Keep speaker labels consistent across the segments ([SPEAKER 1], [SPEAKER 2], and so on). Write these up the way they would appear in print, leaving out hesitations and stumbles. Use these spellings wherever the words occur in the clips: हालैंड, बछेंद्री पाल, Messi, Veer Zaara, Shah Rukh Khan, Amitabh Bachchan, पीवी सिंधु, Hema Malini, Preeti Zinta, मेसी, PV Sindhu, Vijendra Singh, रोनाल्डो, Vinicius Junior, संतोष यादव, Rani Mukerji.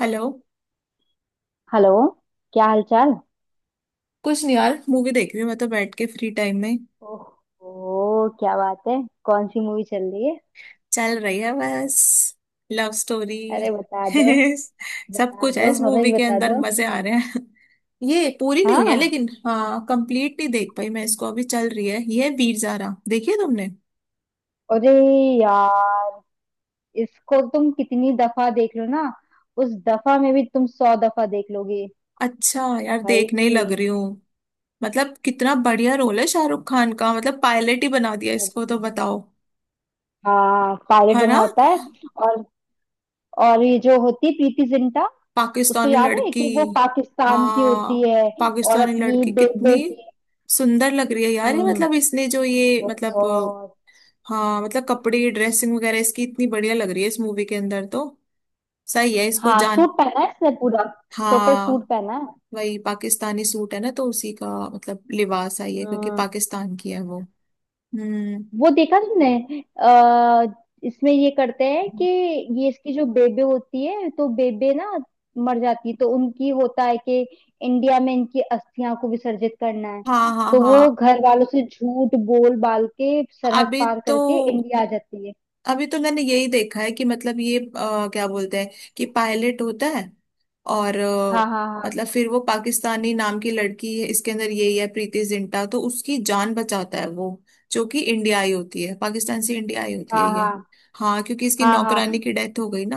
[SPEAKER 1] Hello.
[SPEAKER 2] Hello. क्या हाल चाल।
[SPEAKER 1] कुछ नहीं यार, मूवी देख रही हूँ मैं तो बैठ के फ्री टाइम में।
[SPEAKER 2] ओह क्या बात है। कौन सी मूवी चल रही है।
[SPEAKER 1] चल रही है बस लव स्टोरी।
[SPEAKER 2] अरे बता दो।
[SPEAKER 1] सब
[SPEAKER 2] बता
[SPEAKER 1] कुछ है
[SPEAKER 2] दो
[SPEAKER 1] इस
[SPEAKER 2] हमें भी
[SPEAKER 1] मूवी के
[SPEAKER 2] बता
[SPEAKER 1] अंदर,
[SPEAKER 2] दो।
[SPEAKER 1] मजे आ रहे हैं। ये पूरी नहीं हुई है
[SPEAKER 2] हाँ।
[SPEAKER 1] लेकिन हाँ, कंप्लीट नहीं देख पाई मैं इसको, अभी चल रही है ये, है वीर ज़ारा, देखी है तुमने?
[SPEAKER 2] अरे यार, इसको तुम कितनी दफा देख लो ना, उस दफा में भी तुम 100 दफा देख लोगे।
[SPEAKER 1] अच्छा यार,
[SPEAKER 2] भाई।
[SPEAKER 1] देखने ही लग रही हूँ। मतलब कितना बढ़िया रोल है शाहरुख खान का, मतलब पायलट ही बना दिया इसको तो,
[SPEAKER 2] अरे
[SPEAKER 1] बताओ।
[SPEAKER 2] हाँ, पायलट
[SPEAKER 1] है
[SPEAKER 2] बना
[SPEAKER 1] ना।
[SPEAKER 2] होता है। और ये जो होती है प्रीति जिंटा, उसको
[SPEAKER 1] पाकिस्तानी
[SPEAKER 2] याद है
[SPEAKER 1] लड़की।
[SPEAKER 2] कि वो पाकिस्तान की
[SPEAKER 1] हाँ।
[SPEAKER 2] होती है। और
[SPEAKER 1] पाकिस्तानी
[SPEAKER 2] अपनी
[SPEAKER 1] लड़की
[SPEAKER 2] बेबे
[SPEAKER 1] कितनी
[SPEAKER 2] की।
[SPEAKER 1] सुंदर लग रही है यार ये,
[SPEAKER 2] हम्म।
[SPEAKER 1] मतलब इसने जो, ये मतलब
[SPEAKER 2] बहुत।
[SPEAKER 1] हाँ मतलब कपड़े, ड्रेसिंग वगैरह इसकी इतनी बढ़िया लग रही है इस मूवी के अंदर तो। सही है इसको
[SPEAKER 2] हाँ,
[SPEAKER 1] जान।
[SPEAKER 2] सूट पहना है इसने पूरा। टोटल सूट
[SPEAKER 1] हाँ।
[SPEAKER 2] पहना है।
[SPEAKER 1] वही पाकिस्तानी सूट है ना, तो उसी का मतलब लिबास आई है क्योंकि
[SPEAKER 2] हाँ।
[SPEAKER 1] पाकिस्तान की है वो। हम्म।
[SPEAKER 2] वो देखा तुमने। आ, इसमें ये करते हैं कि ये इसकी जो बेबे होती है, तो बेबे ना मर जाती है, तो उनकी होता है कि इंडिया में इनकी अस्थियां को विसर्जित करना है।
[SPEAKER 1] हाँ हाँ
[SPEAKER 2] तो वो
[SPEAKER 1] हाँ।
[SPEAKER 2] घर वालों से झूठ बोल बाल के सरहद
[SPEAKER 1] अभी
[SPEAKER 2] पार
[SPEAKER 1] तो,
[SPEAKER 2] करके इंडिया आ जाती है।
[SPEAKER 1] अभी तो मैंने यही देखा है कि मतलब ये क्या बोलते हैं कि पायलट होता है, और
[SPEAKER 2] हाँ हाँ
[SPEAKER 1] मतलब फिर वो पाकिस्तानी नाम की लड़की है इसके अंदर, यही है प्रीति जिंटा, तो उसकी जान बचाता है वो, जो कि इंडिया आई होती है, पाकिस्तान से इंडिया आई होती है
[SPEAKER 2] हाँ।
[SPEAKER 1] ये।
[SPEAKER 2] हाँ
[SPEAKER 1] हाँ क्योंकि इसकी
[SPEAKER 2] हाँ
[SPEAKER 1] नौकरानी
[SPEAKER 2] हाँ।
[SPEAKER 1] की डेथ हो गई ना,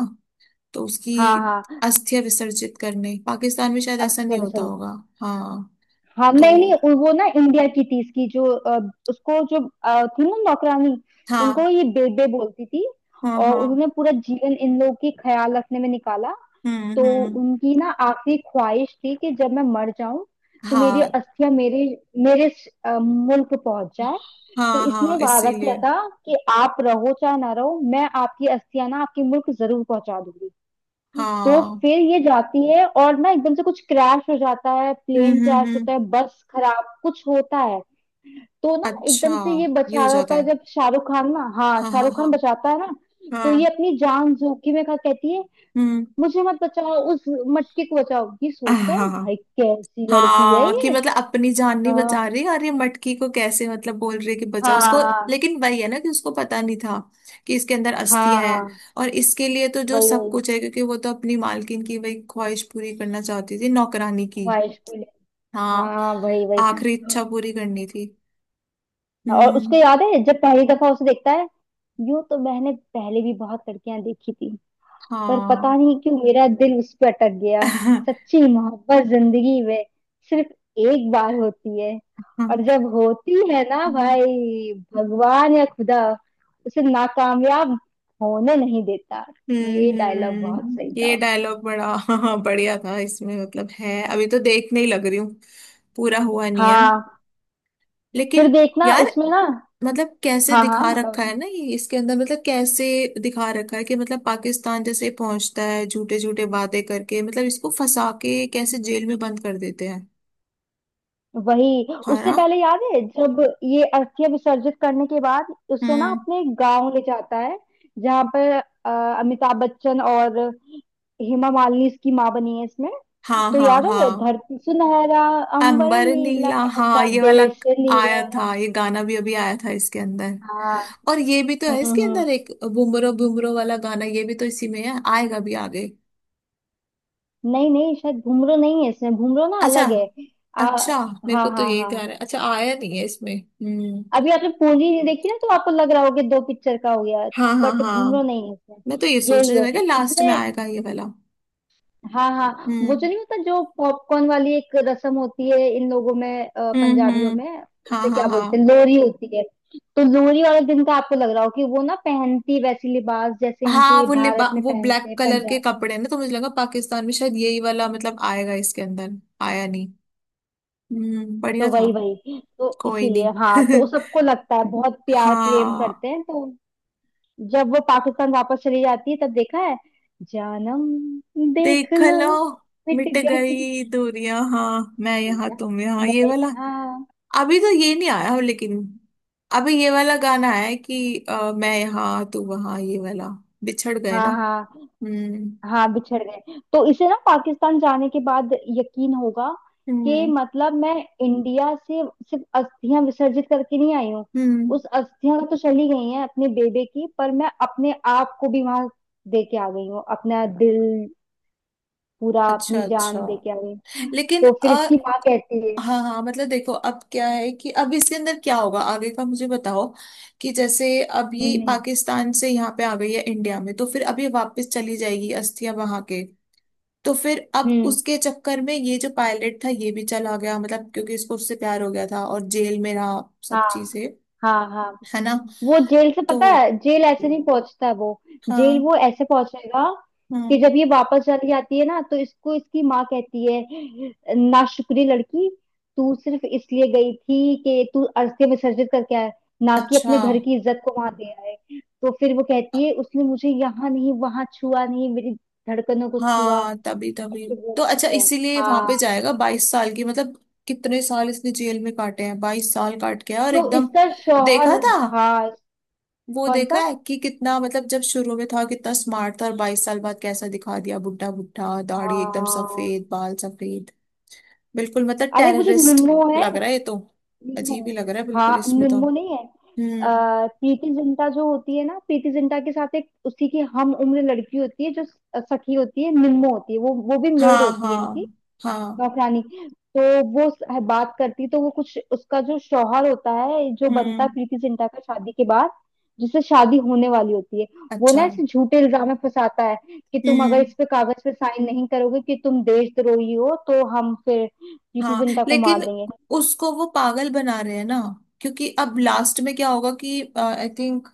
[SPEAKER 1] तो उसकी
[SPEAKER 2] हाँ हाँ हाँ।
[SPEAKER 1] अस्थियां विसर्जित करने, पाकिस्तान में शायद ऐसा नहीं
[SPEAKER 2] अस्थियां
[SPEAKER 1] होता
[SPEAKER 2] विसर्जन।
[SPEAKER 1] होगा। हाँ।
[SPEAKER 2] हाँ। नहीं नहीं
[SPEAKER 1] तो।
[SPEAKER 2] वो ना इंडिया की थी इसकी जो उसको जो थी ना नौकरानी। उनको
[SPEAKER 1] हाँ
[SPEAKER 2] ये बेबे बोलती थी।
[SPEAKER 1] हाँ
[SPEAKER 2] और
[SPEAKER 1] हाँ।
[SPEAKER 2] उन्होंने पूरा जीवन इन लोगों की ख्याल रखने में निकाला। तो
[SPEAKER 1] हम्म।
[SPEAKER 2] उनकी ना आखिरी ख्वाहिश थी कि जब मैं मर जाऊं, तो मेरी
[SPEAKER 1] हाँ
[SPEAKER 2] अस्थियां मेरे मेरे मुल्क पहुंच जाए। तो
[SPEAKER 1] हाँ हाँ
[SPEAKER 2] इसने वादा किया
[SPEAKER 1] इसीलिए।
[SPEAKER 2] था कि आप रहो चाहे ना रहो, मैं आपकी अस्थियां ना आपके मुल्क जरूर पहुंचा दूंगी। तो
[SPEAKER 1] हाँ।
[SPEAKER 2] फिर ये जाती है और ना एकदम से कुछ क्रैश हो जाता है, प्लेन क्रैश
[SPEAKER 1] हम्म।
[SPEAKER 2] होता है, बस खराब कुछ होता है। तो ना
[SPEAKER 1] अच्छा।
[SPEAKER 2] एकदम से ये
[SPEAKER 1] ये
[SPEAKER 2] बचा
[SPEAKER 1] हो
[SPEAKER 2] रहा
[SPEAKER 1] जाता
[SPEAKER 2] होता है
[SPEAKER 1] है।
[SPEAKER 2] जब शाहरुख खान ना, हाँ
[SPEAKER 1] हाँ हाँ
[SPEAKER 2] शाहरुख
[SPEAKER 1] हाँ।
[SPEAKER 2] खान बचाता है ना। तो ये
[SPEAKER 1] हाँ।
[SPEAKER 2] अपनी जान जोखिम में खा कहती है,
[SPEAKER 1] हम्म।
[SPEAKER 2] मुझे मत बचाओ, उस मटके को बचाओ। ये
[SPEAKER 1] हाँ
[SPEAKER 2] सोचता है
[SPEAKER 1] हाँ
[SPEAKER 2] भाई कैसी लड़की है
[SPEAKER 1] हाँ, कि
[SPEAKER 2] ये।
[SPEAKER 1] मतलब अपनी जान नहीं बचा
[SPEAKER 2] हाँ
[SPEAKER 1] रही और ये मटकी को कैसे, मतलब बोल रही है कि बचाओ उसको।
[SPEAKER 2] हाँ
[SPEAKER 1] लेकिन वही है ना, कि उसको पता नहीं था कि इसके अंदर
[SPEAKER 2] हाँ।
[SPEAKER 1] अस्थियां है।
[SPEAKER 2] हाँ,
[SPEAKER 1] और इसके लिए तो जो
[SPEAKER 2] वही
[SPEAKER 1] सब
[SPEAKER 2] वही
[SPEAKER 1] कुछ है, क्योंकि वो तो अपनी मालकिन की वही ख्वाहिश पूरी करना चाहती थी, नौकरानी की।
[SPEAKER 2] ख्वाहिश को ले।
[SPEAKER 1] हाँ।
[SPEAKER 2] हाँ वही वही।
[SPEAKER 1] आखिरी इच्छा पूरी करनी थी।
[SPEAKER 2] और उसको
[SPEAKER 1] हम्म।
[SPEAKER 2] याद है जब पहली दफा उसे देखता है, यूं तो मैंने पहले भी बहुत लड़कियां देखी थी, पर पता
[SPEAKER 1] हाँ।
[SPEAKER 2] नहीं क्यों मेरा दिल उस पर अटक गया। सच्ची मोहब्बत जिंदगी में सिर्फ एक बार होती है, और जब होती है ना
[SPEAKER 1] हाँ।
[SPEAKER 2] भाई, भगवान या खुदा उसे नाकामयाब होने नहीं देता। ये डायलॉग बहुत सही
[SPEAKER 1] ये
[SPEAKER 2] था।
[SPEAKER 1] डायलॉग बड़ा, हाँ बढ़िया था इसमें, मतलब है, अभी तो देखने ही लग रही हूँ। पूरा हुआ नहीं है
[SPEAKER 2] हाँ। फिर
[SPEAKER 1] लेकिन।
[SPEAKER 2] देखना
[SPEAKER 1] यार
[SPEAKER 2] उसमें ना।
[SPEAKER 1] मतलब कैसे
[SPEAKER 2] हाँ हाँ
[SPEAKER 1] दिखा
[SPEAKER 2] बताओ।
[SPEAKER 1] रखा है ना ये, इसके अंदर मतलब कैसे दिखा रखा है कि मतलब पाकिस्तान जैसे पहुंचता है, झूठे झूठे वादे करके मतलब, इसको फंसा के कैसे जेल में बंद कर देते हैं।
[SPEAKER 2] वही,
[SPEAKER 1] है
[SPEAKER 2] उससे
[SPEAKER 1] ना।
[SPEAKER 2] पहले याद है जब ये अस्थियां विसर्जित करने के बाद उसे ना
[SPEAKER 1] हम्म।
[SPEAKER 2] अपने गांव ले जाता है, जहां पर अ, अमिताभ बच्चन और हेमा मालिनी इसकी माँ बनी है इसमें।
[SPEAKER 1] हाँ
[SPEAKER 2] तो
[SPEAKER 1] हाँ
[SPEAKER 2] याद है,
[SPEAKER 1] हाँ।
[SPEAKER 2] धरती सुनहरा, अंबर
[SPEAKER 1] अंबर
[SPEAKER 2] नीला,
[SPEAKER 1] नीला हाँ,
[SPEAKER 2] ऐसा
[SPEAKER 1] ये वाला
[SPEAKER 2] देश
[SPEAKER 1] आया
[SPEAKER 2] नीला।
[SPEAKER 1] था, ये गाना भी अभी आया था इसके अंदर।
[SPEAKER 2] हाँ।
[SPEAKER 1] और ये भी तो
[SPEAKER 2] हम्म
[SPEAKER 1] है इसके
[SPEAKER 2] हम्म।
[SPEAKER 1] अंदर एक, बुमरो बुमरो वाला गाना, ये भी तो इसी में है, आएगा भी आगे।
[SPEAKER 2] नहीं नहीं, शायद घुंघरू नहीं है इसमें, घुंघरू ना
[SPEAKER 1] अच्छा।
[SPEAKER 2] अलग है। आ,
[SPEAKER 1] अच्छा। मेरे को
[SPEAKER 2] हाँ
[SPEAKER 1] तो
[SPEAKER 2] हाँ
[SPEAKER 1] यही
[SPEAKER 2] हाँ।
[SPEAKER 1] ध्यान है, अच्छा आया नहीं है इसमें। हम्म।
[SPEAKER 2] अभी आपने पूंजी नहीं देखी ना, तो आपको लग रहा होगा दो पिक्चर का हो गया।
[SPEAKER 1] हाँ हाँ
[SPEAKER 2] बट
[SPEAKER 1] हाँ।
[SPEAKER 2] घूमरो नहीं है
[SPEAKER 1] मैं तो
[SPEAKER 2] इसमें,
[SPEAKER 1] ये सोच
[SPEAKER 2] यही
[SPEAKER 1] रही थी, मैं
[SPEAKER 2] है
[SPEAKER 1] क्या लास्ट में
[SPEAKER 2] इसमें।
[SPEAKER 1] आएगा ये वाला।
[SPEAKER 2] हाँ हाँ, वो जो
[SPEAKER 1] हम्म
[SPEAKER 2] नहीं होता, जो पॉपकॉर्न वाली एक रस्म होती है इन लोगों में, पंजाबियों
[SPEAKER 1] हम्म।
[SPEAKER 2] में,
[SPEAKER 1] हाँ
[SPEAKER 2] उसे
[SPEAKER 1] हाँ
[SPEAKER 2] क्या बोलते हैं,
[SPEAKER 1] हाँ।
[SPEAKER 2] लोरी होती है। तो लोरी वाले दिन का आपको लग रहा हो कि वो ना पहनती वैसी लिबास जैसे
[SPEAKER 1] हाँ
[SPEAKER 2] इनके
[SPEAKER 1] वो लिबा,
[SPEAKER 2] भारत में
[SPEAKER 1] वो
[SPEAKER 2] पहनते
[SPEAKER 1] ब्लैक
[SPEAKER 2] हैं
[SPEAKER 1] कलर के
[SPEAKER 2] पंजाब।
[SPEAKER 1] कपड़े हैं ना, तो मुझे लगा पाकिस्तान में शायद यही वाला मतलब आएगा इसके अंदर। आया नहीं।
[SPEAKER 2] तो
[SPEAKER 1] बढ़िया था।
[SPEAKER 2] वही वही तो
[SPEAKER 1] कोई नहीं।
[SPEAKER 2] इसीलिए हाँ, तो सबको लगता है बहुत प्यार प्रेम करते
[SPEAKER 1] हाँ।
[SPEAKER 2] हैं तो। जब वो पाकिस्तान वापस चली जाती है तब देखा है, जानम देख
[SPEAKER 1] देख
[SPEAKER 2] लो
[SPEAKER 1] लो।
[SPEAKER 2] मिट
[SPEAKER 1] मिट
[SPEAKER 2] गई।
[SPEAKER 1] गई दूरियां हाँ, मैं यहाँ
[SPEAKER 2] भैया
[SPEAKER 1] तुम यहाँ,
[SPEAKER 2] मैं
[SPEAKER 1] ये वाला।
[SPEAKER 2] यहाँ।
[SPEAKER 1] अभी तो ये नहीं आया लेकिन, अभी ये वाला गाना है कि मैं यहाँ तू वहाँ, ये वाला। बिछड़ गए ना।
[SPEAKER 2] हाँ हाँ हाँ।
[SPEAKER 1] हम्म
[SPEAKER 2] हाँ, बिछड़ गए, तो इसे ना पाकिस्तान जाने के बाद यकीन होगा कि
[SPEAKER 1] हम्म
[SPEAKER 2] मतलब मैं इंडिया से सिर्फ अस्थियां विसर्जित करके नहीं आई हूँ,
[SPEAKER 1] हम्म।
[SPEAKER 2] उस अस्थियां तो चली गई हैं अपने बेबे की, पर मैं अपने आप को भी वहां दे के आ गई हूँ, अपना दिल पूरा,
[SPEAKER 1] अच्छा
[SPEAKER 2] अपनी जान
[SPEAKER 1] अच्छा।
[SPEAKER 2] दे के आ गई हूँ।
[SPEAKER 1] लेकिन
[SPEAKER 2] तो फिर इसकी माँ कहती है।
[SPEAKER 1] हाँ हाँ, मतलब देखो अब क्या है कि अब इसके अंदर क्या होगा आगे का, मुझे बताओ, कि जैसे अब ये
[SPEAKER 2] हम्म,
[SPEAKER 1] पाकिस्तान से यहाँ पे आ गई है इंडिया में, तो फिर अब ये वापस चली जाएगी अस्थियां वहां के, तो फिर अब
[SPEAKER 2] हम्म।
[SPEAKER 1] उसके चक्कर में ये जो पायलट था ये भी चला गया मतलब, क्योंकि इसको उससे प्यार हो गया था और जेल में रहा सब
[SPEAKER 2] हाँ
[SPEAKER 1] चीजें।
[SPEAKER 2] हाँ हाँ।
[SPEAKER 1] है ना।
[SPEAKER 2] वो जेल से
[SPEAKER 1] तो
[SPEAKER 2] पता है, जेल ऐसे नहीं पहुंचता वो, जेल
[SPEAKER 1] हाँ।
[SPEAKER 2] वो ऐसे पहुंचेगा कि
[SPEAKER 1] हम्म।
[SPEAKER 2] जब ये वापस चली जाती है ना, तो इसको इसकी माँ कहती है, नाशुक्री लड़की, तू सिर्फ इसलिए गई थी कि तू अस्थि विसर्जित करके आए, ना कि अपने
[SPEAKER 1] अच्छा।
[SPEAKER 2] घर की इज्जत को वहां दे आए। तो फिर वो कहती है, उसने मुझे यहाँ नहीं, वहां छुआ नहीं, मेरी धड़कनों को छुआ,
[SPEAKER 1] हाँ तभी तभी।
[SPEAKER 2] ऐसे
[SPEAKER 1] तो अच्छा
[SPEAKER 2] बोलती है।
[SPEAKER 1] इसीलिए वहां पे
[SPEAKER 2] हाँ,
[SPEAKER 1] जाएगा 22 साल की मतलब, कितने साल इसने जेल में काटे हैं, 22 साल काट के आया, और
[SPEAKER 2] जो
[SPEAKER 1] एकदम
[SPEAKER 2] इसका
[SPEAKER 1] देखा
[SPEAKER 2] शौहर।
[SPEAKER 1] था,
[SPEAKER 2] हाँ।
[SPEAKER 1] वो
[SPEAKER 2] कौन
[SPEAKER 1] देखा
[SPEAKER 2] सा।
[SPEAKER 1] है कि कितना मतलब, जब शुरू में था कितना स्मार्ट था, और 22 साल बाद कैसा दिखा दिया, बुढ़ा बुढ़ा, दाढ़ी एकदम
[SPEAKER 2] हाँ।
[SPEAKER 1] सफेद, बाल सफेद। बिल्कुल मतलब
[SPEAKER 2] अरे वो जो
[SPEAKER 1] टेररिस्ट
[SPEAKER 2] निन्नो है,
[SPEAKER 1] लग रहा है ये तो,
[SPEAKER 2] निन्नो।
[SPEAKER 1] अजीब ही लग रहा है बिल्कुल
[SPEAKER 2] हाँ
[SPEAKER 1] इसमें
[SPEAKER 2] निन्नो।
[SPEAKER 1] तो।
[SPEAKER 2] हम्म, नहीं है।
[SPEAKER 1] हम्म।
[SPEAKER 2] प्रीति जिंटा जो होती है ना, प्रीति जिंटा के साथ एक उसी की हम उम्र लड़की होती है, जो सखी होती है, निन्नो होती है, वो भी मेड
[SPEAKER 1] हाँ
[SPEAKER 2] होती है
[SPEAKER 1] हाँ
[SPEAKER 2] इनकी,
[SPEAKER 1] हाँ।
[SPEAKER 2] नौकरानी। तो वो बात करती, तो वो कुछ उसका जो शौहर होता है, जो बनता है
[SPEAKER 1] हम्म।
[SPEAKER 2] प्रीति जिंटा का शादी के बाद, जिससे शादी होने वाली होती है, वो
[SPEAKER 1] अच्छा।
[SPEAKER 2] ना इसे झूठे इल्जाम में फंसाता है कि तुम अगर
[SPEAKER 1] हम्म।
[SPEAKER 2] इस पे कागज पे साइन नहीं करोगे कि तुम देशद्रोही हो, तो हम फिर प्रीति
[SPEAKER 1] हाँ
[SPEAKER 2] जिंटा को
[SPEAKER 1] लेकिन
[SPEAKER 2] मार देंगे।
[SPEAKER 1] उसको वो पागल बना रहे हैं ना, क्योंकि अब लास्ट में क्या होगा कि आई थिंक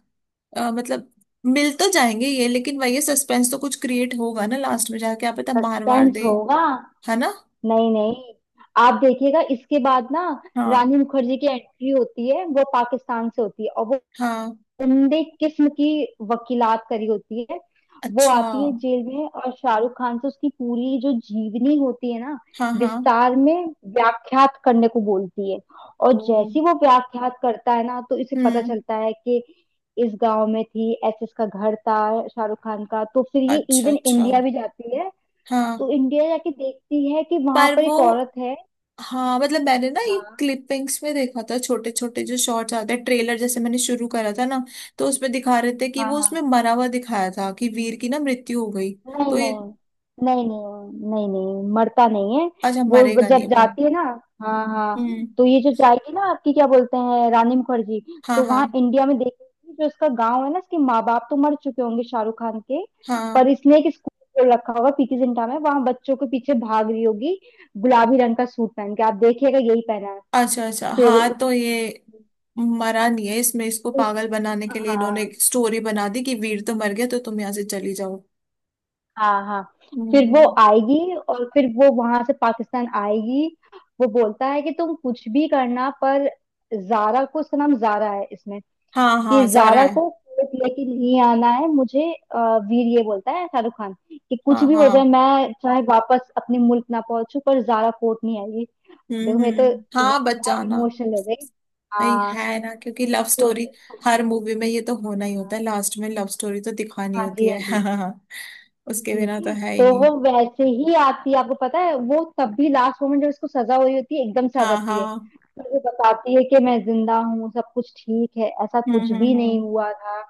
[SPEAKER 1] मतलब मिल तो जाएंगे ये, लेकिन वही सस्पेंस तो कुछ क्रिएट होगा ना लास्ट में जाके, आप पता मार वार
[SPEAKER 2] सस्पेंस
[SPEAKER 1] दे।
[SPEAKER 2] होगा,
[SPEAKER 1] है ना।
[SPEAKER 2] नहीं नहीं। आप देखिएगा इसके बाद ना,
[SPEAKER 1] हाँ
[SPEAKER 2] रानी मुखर्जी की एंट्री होती है, वो पाकिस्तान से होती है और वो
[SPEAKER 1] हाँ।
[SPEAKER 2] उम्दे किस्म की वकीलात करी होती है। वो
[SPEAKER 1] अच्छा।
[SPEAKER 2] आती है जेल में और शाहरुख खान से उसकी पूरी जो जीवनी होती है ना,
[SPEAKER 1] हाँ हाँ।
[SPEAKER 2] विस्तार में व्याख्यात करने को बोलती है। और
[SPEAKER 1] ओ।
[SPEAKER 2] जैसे ही वो व्याख्यात करता है ना, तो इसे पता
[SPEAKER 1] हम्म।
[SPEAKER 2] चलता है कि इस गांव में थी, ऐसे इसका घर था शाहरुख खान का। तो फिर ये
[SPEAKER 1] अच्छा
[SPEAKER 2] इवन
[SPEAKER 1] अच्छा।
[SPEAKER 2] इंडिया भी जाती है।
[SPEAKER 1] हाँ
[SPEAKER 2] तो इंडिया जाके देखती है कि वहां
[SPEAKER 1] पर
[SPEAKER 2] पर
[SPEAKER 1] वो,
[SPEAKER 2] एक औरत है।
[SPEAKER 1] हाँ मतलब मैंने ना ये
[SPEAKER 2] हाँ
[SPEAKER 1] क्लिपिंग्स में देखा था, छोटे छोटे जो शॉर्ट्स आते हैं ट्रेलर जैसे, मैंने शुरू करा था ना, तो उसमें दिखा रहे थे कि
[SPEAKER 2] हाँ
[SPEAKER 1] वो
[SPEAKER 2] हाँ।
[SPEAKER 1] उसमें मरा हुआ दिखाया था, कि वीर की ना मृत्यु हो गई।
[SPEAKER 2] नहीं
[SPEAKER 1] तो ये।
[SPEAKER 2] नहीं नहीं नहीं, नहीं नहीं मरता नहीं है।
[SPEAKER 1] अच्छा
[SPEAKER 2] वो
[SPEAKER 1] मरेगा
[SPEAKER 2] जब
[SPEAKER 1] नहीं वो।
[SPEAKER 2] जाती है ना, हाँ हाँ,
[SPEAKER 1] हम्म।
[SPEAKER 2] तो ये जो जाएगी ना, आपकी क्या बोलते हैं, रानी मुखर्जी,
[SPEAKER 1] हाँ
[SPEAKER 2] तो वहाँ
[SPEAKER 1] हाँ
[SPEAKER 2] इंडिया में देखेगी, जो इसका गांव है ना, इसके माँ बाप तो मर चुके होंगे शाहरुख खान के,
[SPEAKER 1] हाँ।
[SPEAKER 2] पर इसने एक स्कूल खोल रखा होगा पीके जिंटा में, वहां बच्चों के पीछे भाग रही होगी गुलाबी रंग का सूट पहन के, आप देखिएगा यही पहना है।
[SPEAKER 1] अच्छा अच्छा
[SPEAKER 2] फिर उस
[SPEAKER 1] हाँ, तो ये मरा नहीं है इसमें, इसको
[SPEAKER 2] फिर-
[SPEAKER 1] पागल बनाने के लिए इन्होंने
[SPEAKER 2] हाँ
[SPEAKER 1] एक स्टोरी बना दी कि वीर तो मर गया, तो तुम यहाँ से चली जाओ।
[SPEAKER 2] हाँ हाँ। फिर वो
[SPEAKER 1] हम्म।
[SPEAKER 2] आएगी और फिर वो वहां से पाकिस्तान आएगी। वो बोलता है कि तुम कुछ भी करना पर जारा को, उसका नाम जारा है इसमें,
[SPEAKER 1] हाँ
[SPEAKER 2] कि
[SPEAKER 1] हाँ जारा
[SPEAKER 2] जारा को
[SPEAKER 1] है।
[SPEAKER 2] कोर्ट लेके नहीं आना है मुझे। अ, वीर ये बोलता है, शाहरुख खान, कि कुछ
[SPEAKER 1] हाँ
[SPEAKER 2] भी हो जाए,
[SPEAKER 1] हाँ।
[SPEAKER 2] मैं चाहे वापस अपने मुल्क ना पहुंचू पर जारा कोर्ट नहीं आएगी। देखो मैं तो
[SPEAKER 1] हम्म,
[SPEAKER 2] वो
[SPEAKER 1] हाँ बच जाना।
[SPEAKER 2] इमोशनल हो गई।
[SPEAKER 1] भाई
[SPEAKER 2] हाँ
[SPEAKER 1] है ना, क्योंकि लव
[SPEAKER 2] तो
[SPEAKER 1] स्टोरी
[SPEAKER 2] फिर।
[SPEAKER 1] हर मूवी में ये तो होना ही होता है, लास्ट में लव स्टोरी तो दिखानी
[SPEAKER 2] हाँ
[SPEAKER 1] होती
[SPEAKER 2] जी हाँ
[SPEAKER 1] है।
[SPEAKER 2] जी।
[SPEAKER 1] हाँ। उसके
[SPEAKER 2] जी,
[SPEAKER 1] बिना तो है ही
[SPEAKER 2] तो
[SPEAKER 1] नहीं।
[SPEAKER 2] वो वैसे ही आती है, आपको पता है, वो तब भी लास्ट मोमेंट जब इसको सजा हुई होती है, एकदम से आ
[SPEAKER 1] हाँ
[SPEAKER 2] जाती है।
[SPEAKER 1] हाँ।
[SPEAKER 2] फिर वो बताती है कि मैं जिंदा हूँ, सब कुछ ठीक है, ऐसा कुछ भी नहीं
[SPEAKER 1] हम्म।
[SPEAKER 2] हुआ था।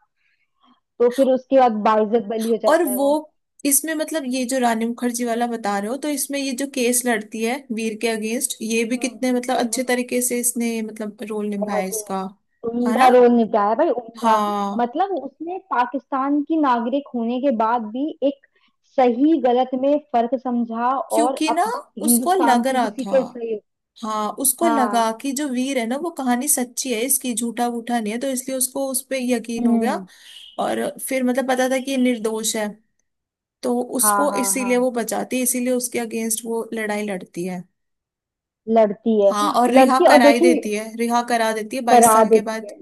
[SPEAKER 2] तो फिर उसके बाद बाइज्जत बलि हो
[SPEAKER 1] और
[SPEAKER 2] जाता है
[SPEAKER 1] वो,
[SPEAKER 2] वो।
[SPEAKER 1] इसमें मतलब ये जो रानी मुखर्जी वाला बता रहे हो, तो इसमें ये जो केस लड़ती है वीर के अगेंस्ट, ये भी
[SPEAKER 2] हम्म
[SPEAKER 1] कितने मतलब अच्छे
[SPEAKER 2] हम्म।
[SPEAKER 1] तरीके से इसने मतलब रोल निभाया
[SPEAKER 2] बहुत ही
[SPEAKER 1] इसका। है
[SPEAKER 2] उम्दा
[SPEAKER 1] ना।
[SPEAKER 2] रोल निभाया भाई, उम्दा।
[SPEAKER 1] हाँ।
[SPEAKER 2] मतलब उसने पाकिस्तान की नागरिक होने के बाद भी एक सही गलत में फर्क समझा। और
[SPEAKER 1] क्योंकि ना
[SPEAKER 2] अब
[SPEAKER 1] उसको
[SPEAKER 2] हिंदुस्तान
[SPEAKER 1] लग
[SPEAKER 2] के
[SPEAKER 1] रहा
[SPEAKER 2] किसी
[SPEAKER 1] था,
[SPEAKER 2] के सही।
[SPEAKER 1] हाँ उसको
[SPEAKER 2] हाँ।
[SPEAKER 1] लगा कि जो वीर है ना, वो कहानी सच्ची है इसकी, झूठा वूठा नहीं है, तो इसलिए उसको उस पे यकीन हो गया।
[SPEAKER 2] हम्म।
[SPEAKER 1] और फिर मतलब पता था कि ये निर्दोष है, तो
[SPEAKER 2] हाँ
[SPEAKER 1] उसको
[SPEAKER 2] हाँ हाँ।
[SPEAKER 1] इसीलिए वो बचाती है, इसीलिए उसके अगेंस्ट वो लड़ाई लड़ती है।
[SPEAKER 2] लड़ती है,
[SPEAKER 1] हाँ, और रिहा
[SPEAKER 2] लड़ती है और
[SPEAKER 1] करा ही
[SPEAKER 2] देखिए,
[SPEAKER 1] देती है, रिहा करा देती है बाईस
[SPEAKER 2] करा
[SPEAKER 1] साल के
[SPEAKER 2] देती
[SPEAKER 1] बाद।
[SPEAKER 2] है।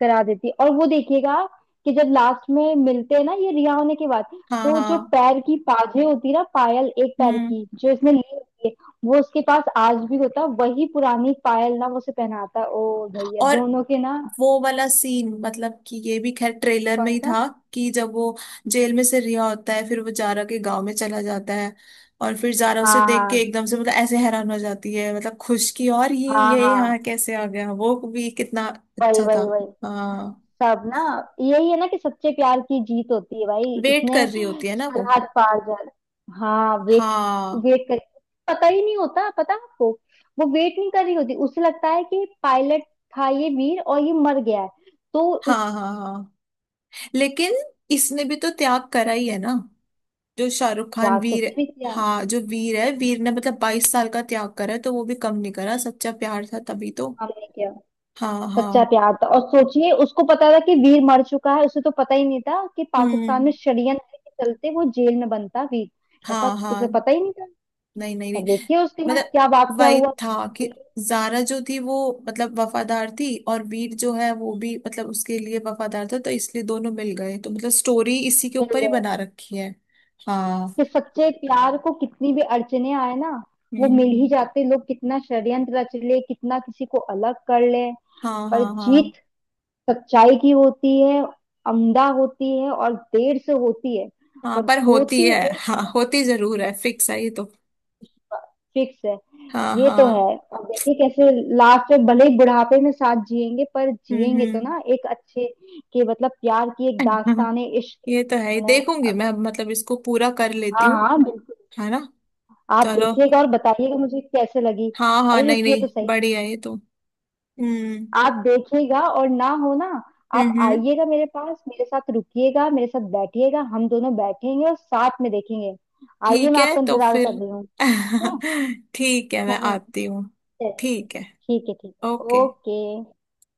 [SPEAKER 2] करा देती है और वो देखिएगा कि जब लास्ट में मिलते हैं ना ये रिहा होने के बाद,
[SPEAKER 1] हाँ
[SPEAKER 2] तो जो
[SPEAKER 1] हाँ।
[SPEAKER 2] पैर की पाजे होती है ना, पायल, एक पैर
[SPEAKER 1] हम्म।
[SPEAKER 2] की जो इसने ली होती है, वो उसके पास आज भी होता है, वही पुरानी पायल ना, वो उसे पहनाता है ओ भैया
[SPEAKER 1] और
[SPEAKER 2] दोनों के ना।
[SPEAKER 1] वो वाला सीन मतलब, कि ये भी खैर ट्रेलर में
[SPEAKER 2] कौन
[SPEAKER 1] ही
[SPEAKER 2] सा।
[SPEAKER 1] था, कि जब वो जेल में से रिहा होता है, फिर वो जारा के गांव में चला जाता है, और फिर जारा उसे
[SPEAKER 2] हाँ
[SPEAKER 1] देख के
[SPEAKER 2] हाँ
[SPEAKER 1] एकदम से मतलब ऐसे हैरान हो जाती है मतलब, खुश की और ये
[SPEAKER 2] हाँ
[SPEAKER 1] ये
[SPEAKER 2] हाँ।
[SPEAKER 1] यहाँ कैसे आ गया, वो भी कितना
[SPEAKER 2] वही
[SPEAKER 1] अच्छा था।
[SPEAKER 2] वही वही
[SPEAKER 1] हाँ
[SPEAKER 2] सब ना, यही है ना कि सच्चे प्यार की जीत होती है भाई।
[SPEAKER 1] वेट
[SPEAKER 2] इसने
[SPEAKER 1] कर रही होती है ना वो।
[SPEAKER 2] सरहद पार कर। हाँ वेट।
[SPEAKER 1] हाँ
[SPEAKER 2] वेट कर, पता ही नहीं होता, पता आपको, वो वेट नहीं कर रही होती, उसे लगता है कि पायलट था ये वीर और ये मर गया है, तो
[SPEAKER 1] हाँ
[SPEAKER 2] उस।
[SPEAKER 1] हाँ हाँ। लेकिन इसने भी तो त्याग करा ही है ना, जो शाहरुख खान
[SPEAKER 2] त्याग तो
[SPEAKER 1] वीर,
[SPEAKER 2] उसने भी किया।
[SPEAKER 1] हाँ जो वीर है, वीर ने मतलब 22 साल का त्याग करा है, तो वो भी कम नहीं करा, सच्चा प्यार था तभी तो।
[SPEAKER 2] हमने किया
[SPEAKER 1] हाँ हाँ।
[SPEAKER 2] सच्चा प्यार था। और सोचिए उसको पता था कि वीर मर चुका है, उसे तो पता ही नहीं था कि पाकिस्तान में
[SPEAKER 1] हम्म।
[SPEAKER 2] षड्यंत्र के चलते वो जेल में बंद था वीर, ऐसा
[SPEAKER 1] हाँ हाँ।
[SPEAKER 2] उसे पता ही नहीं था।
[SPEAKER 1] नहीं नहीं
[SPEAKER 2] और
[SPEAKER 1] नहीं,
[SPEAKER 2] देखिए उसके बाद क्या
[SPEAKER 1] मतलब
[SPEAKER 2] वाकया
[SPEAKER 1] वही
[SPEAKER 2] हुआ।
[SPEAKER 1] था कि जारा जो थी वो मतलब वफादार थी, और वीर जो है वो भी मतलब उसके लिए वफादार था, तो इसलिए दोनों मिल गए, तो मतलब स्टोरी इसी के
[SPEAKER 2] मिल
[SPEAKER 1] ऊपर ही
[SPEAKER 2] गए,
[SPEAKER 1] बना रखी है। हाँ।
[SPEAKER 2] कि सच्चे प्यार को कितनी भी अड़चने आए ना, वो मिल ही
[SPEAKER 1] हम्म।
[SPEAKER 2] जाते लोग, कितना षड्यंत्र रच ले, कितना किसी को अलग कर ले,
[SPEAKER 1] हाँ
[SPEAKER 2] पर
[SPEAKER 1] हाँ हाँ।
[SPEAKER 2] जीत सच्चाई की होती है, अमदा होती है और देर से होती है,
[SPEAKER 1] हाँ
[SPEAKER 2] पर
[SPEAKER 1] पर होती
[SPEAKER 2] होती।
[SPEAKER 1] है,
[SPEAKER 2] एक
[SPEAKER 1] हाँ होती जरूर है, फिक्स है ये तो।
[SPEAKER 2] फिक्स है
[SPEAKER 1] हाँ
[SPEAKER 2] ये तो। है,
[SPEAKER 1] हाँ।
[SPEAKER 2] और देखिए कैसे लास्ट में भले ही बुढ़ापे में साथ जिएंगे पर जिएंगे तो
[SPEAKER 1] हम्म
[SPEAKER 2] ना, एक अच्छे के मतलब प्यार की एक
[SPEAKER 1] हम्म।
[SPEAKER 2] दास्तान है इश्क
[SPEAKER 1] ये तो है ही,
[SPEAKER 2] है।
[SPEAKER 1] देखूंगी मैं, मतलब इसको पूरा कर लेती
[SPEAKER 2] हाँ
[SPEAKER 1] हूँ।
[SPEAKER 2] हाँ बिल्कुल।
[SPEAKER 1] है ना।
[SPEAKER 2] आप
[SPEAKER 1] चलो।
[SPEAKER 2] देखिएगा और बताइएगा मुझे कैसे लगी।
[SPEAKER 1] हाँ हाँ
[SPEAKER 2] अरे
[SPEAKER 1] नहीं
[SPEAKER 2] रुकिए तो
[SPEAKER 1] नहीं
[SPEAKER 2] सही।
[SPEAKER 1] बढ़िया है ये तो। हम्म
[SPEAKER 2] आप देखिएगा और ना हो ना,
[SPEAKER 1] हम्म
[SPEAKER 2] आप
[SPEAKER 1] हम्म,
[SPEAKER 2] आइएगा मेरे पास, मेरे साथ रुकिएगा, मेरे साथ बैठिएगा, हम दोनों बैठेंगे और साथ में देखेंगे। आइए
[SPEAKER 1] ठीक
[SPEAKER 2] मैं
[SPEAKER 1] है
[SPEAKER 2] आपका
[SPEAKER 1] तो
[SPEAKER 2] इंतजार
[SPEAKER 1] फिर।
[SPEAKER 2] कर रही हूँ। ठीक
[SPEAKER 1] ठीक है,
[SPEAKER 2] है
[SPEAKER 1] मैं
[SPEAKER 2] हाँ।
[SPEAKER 1] आती हूँ।
[SPEAKER 2] चलिए,
[SPEAKER 1] ठीक है।
[SPEAKER 2] ठीक है ठीक है।
[SPEAKER 1] ओके।
[SPEAKER 2] ओके।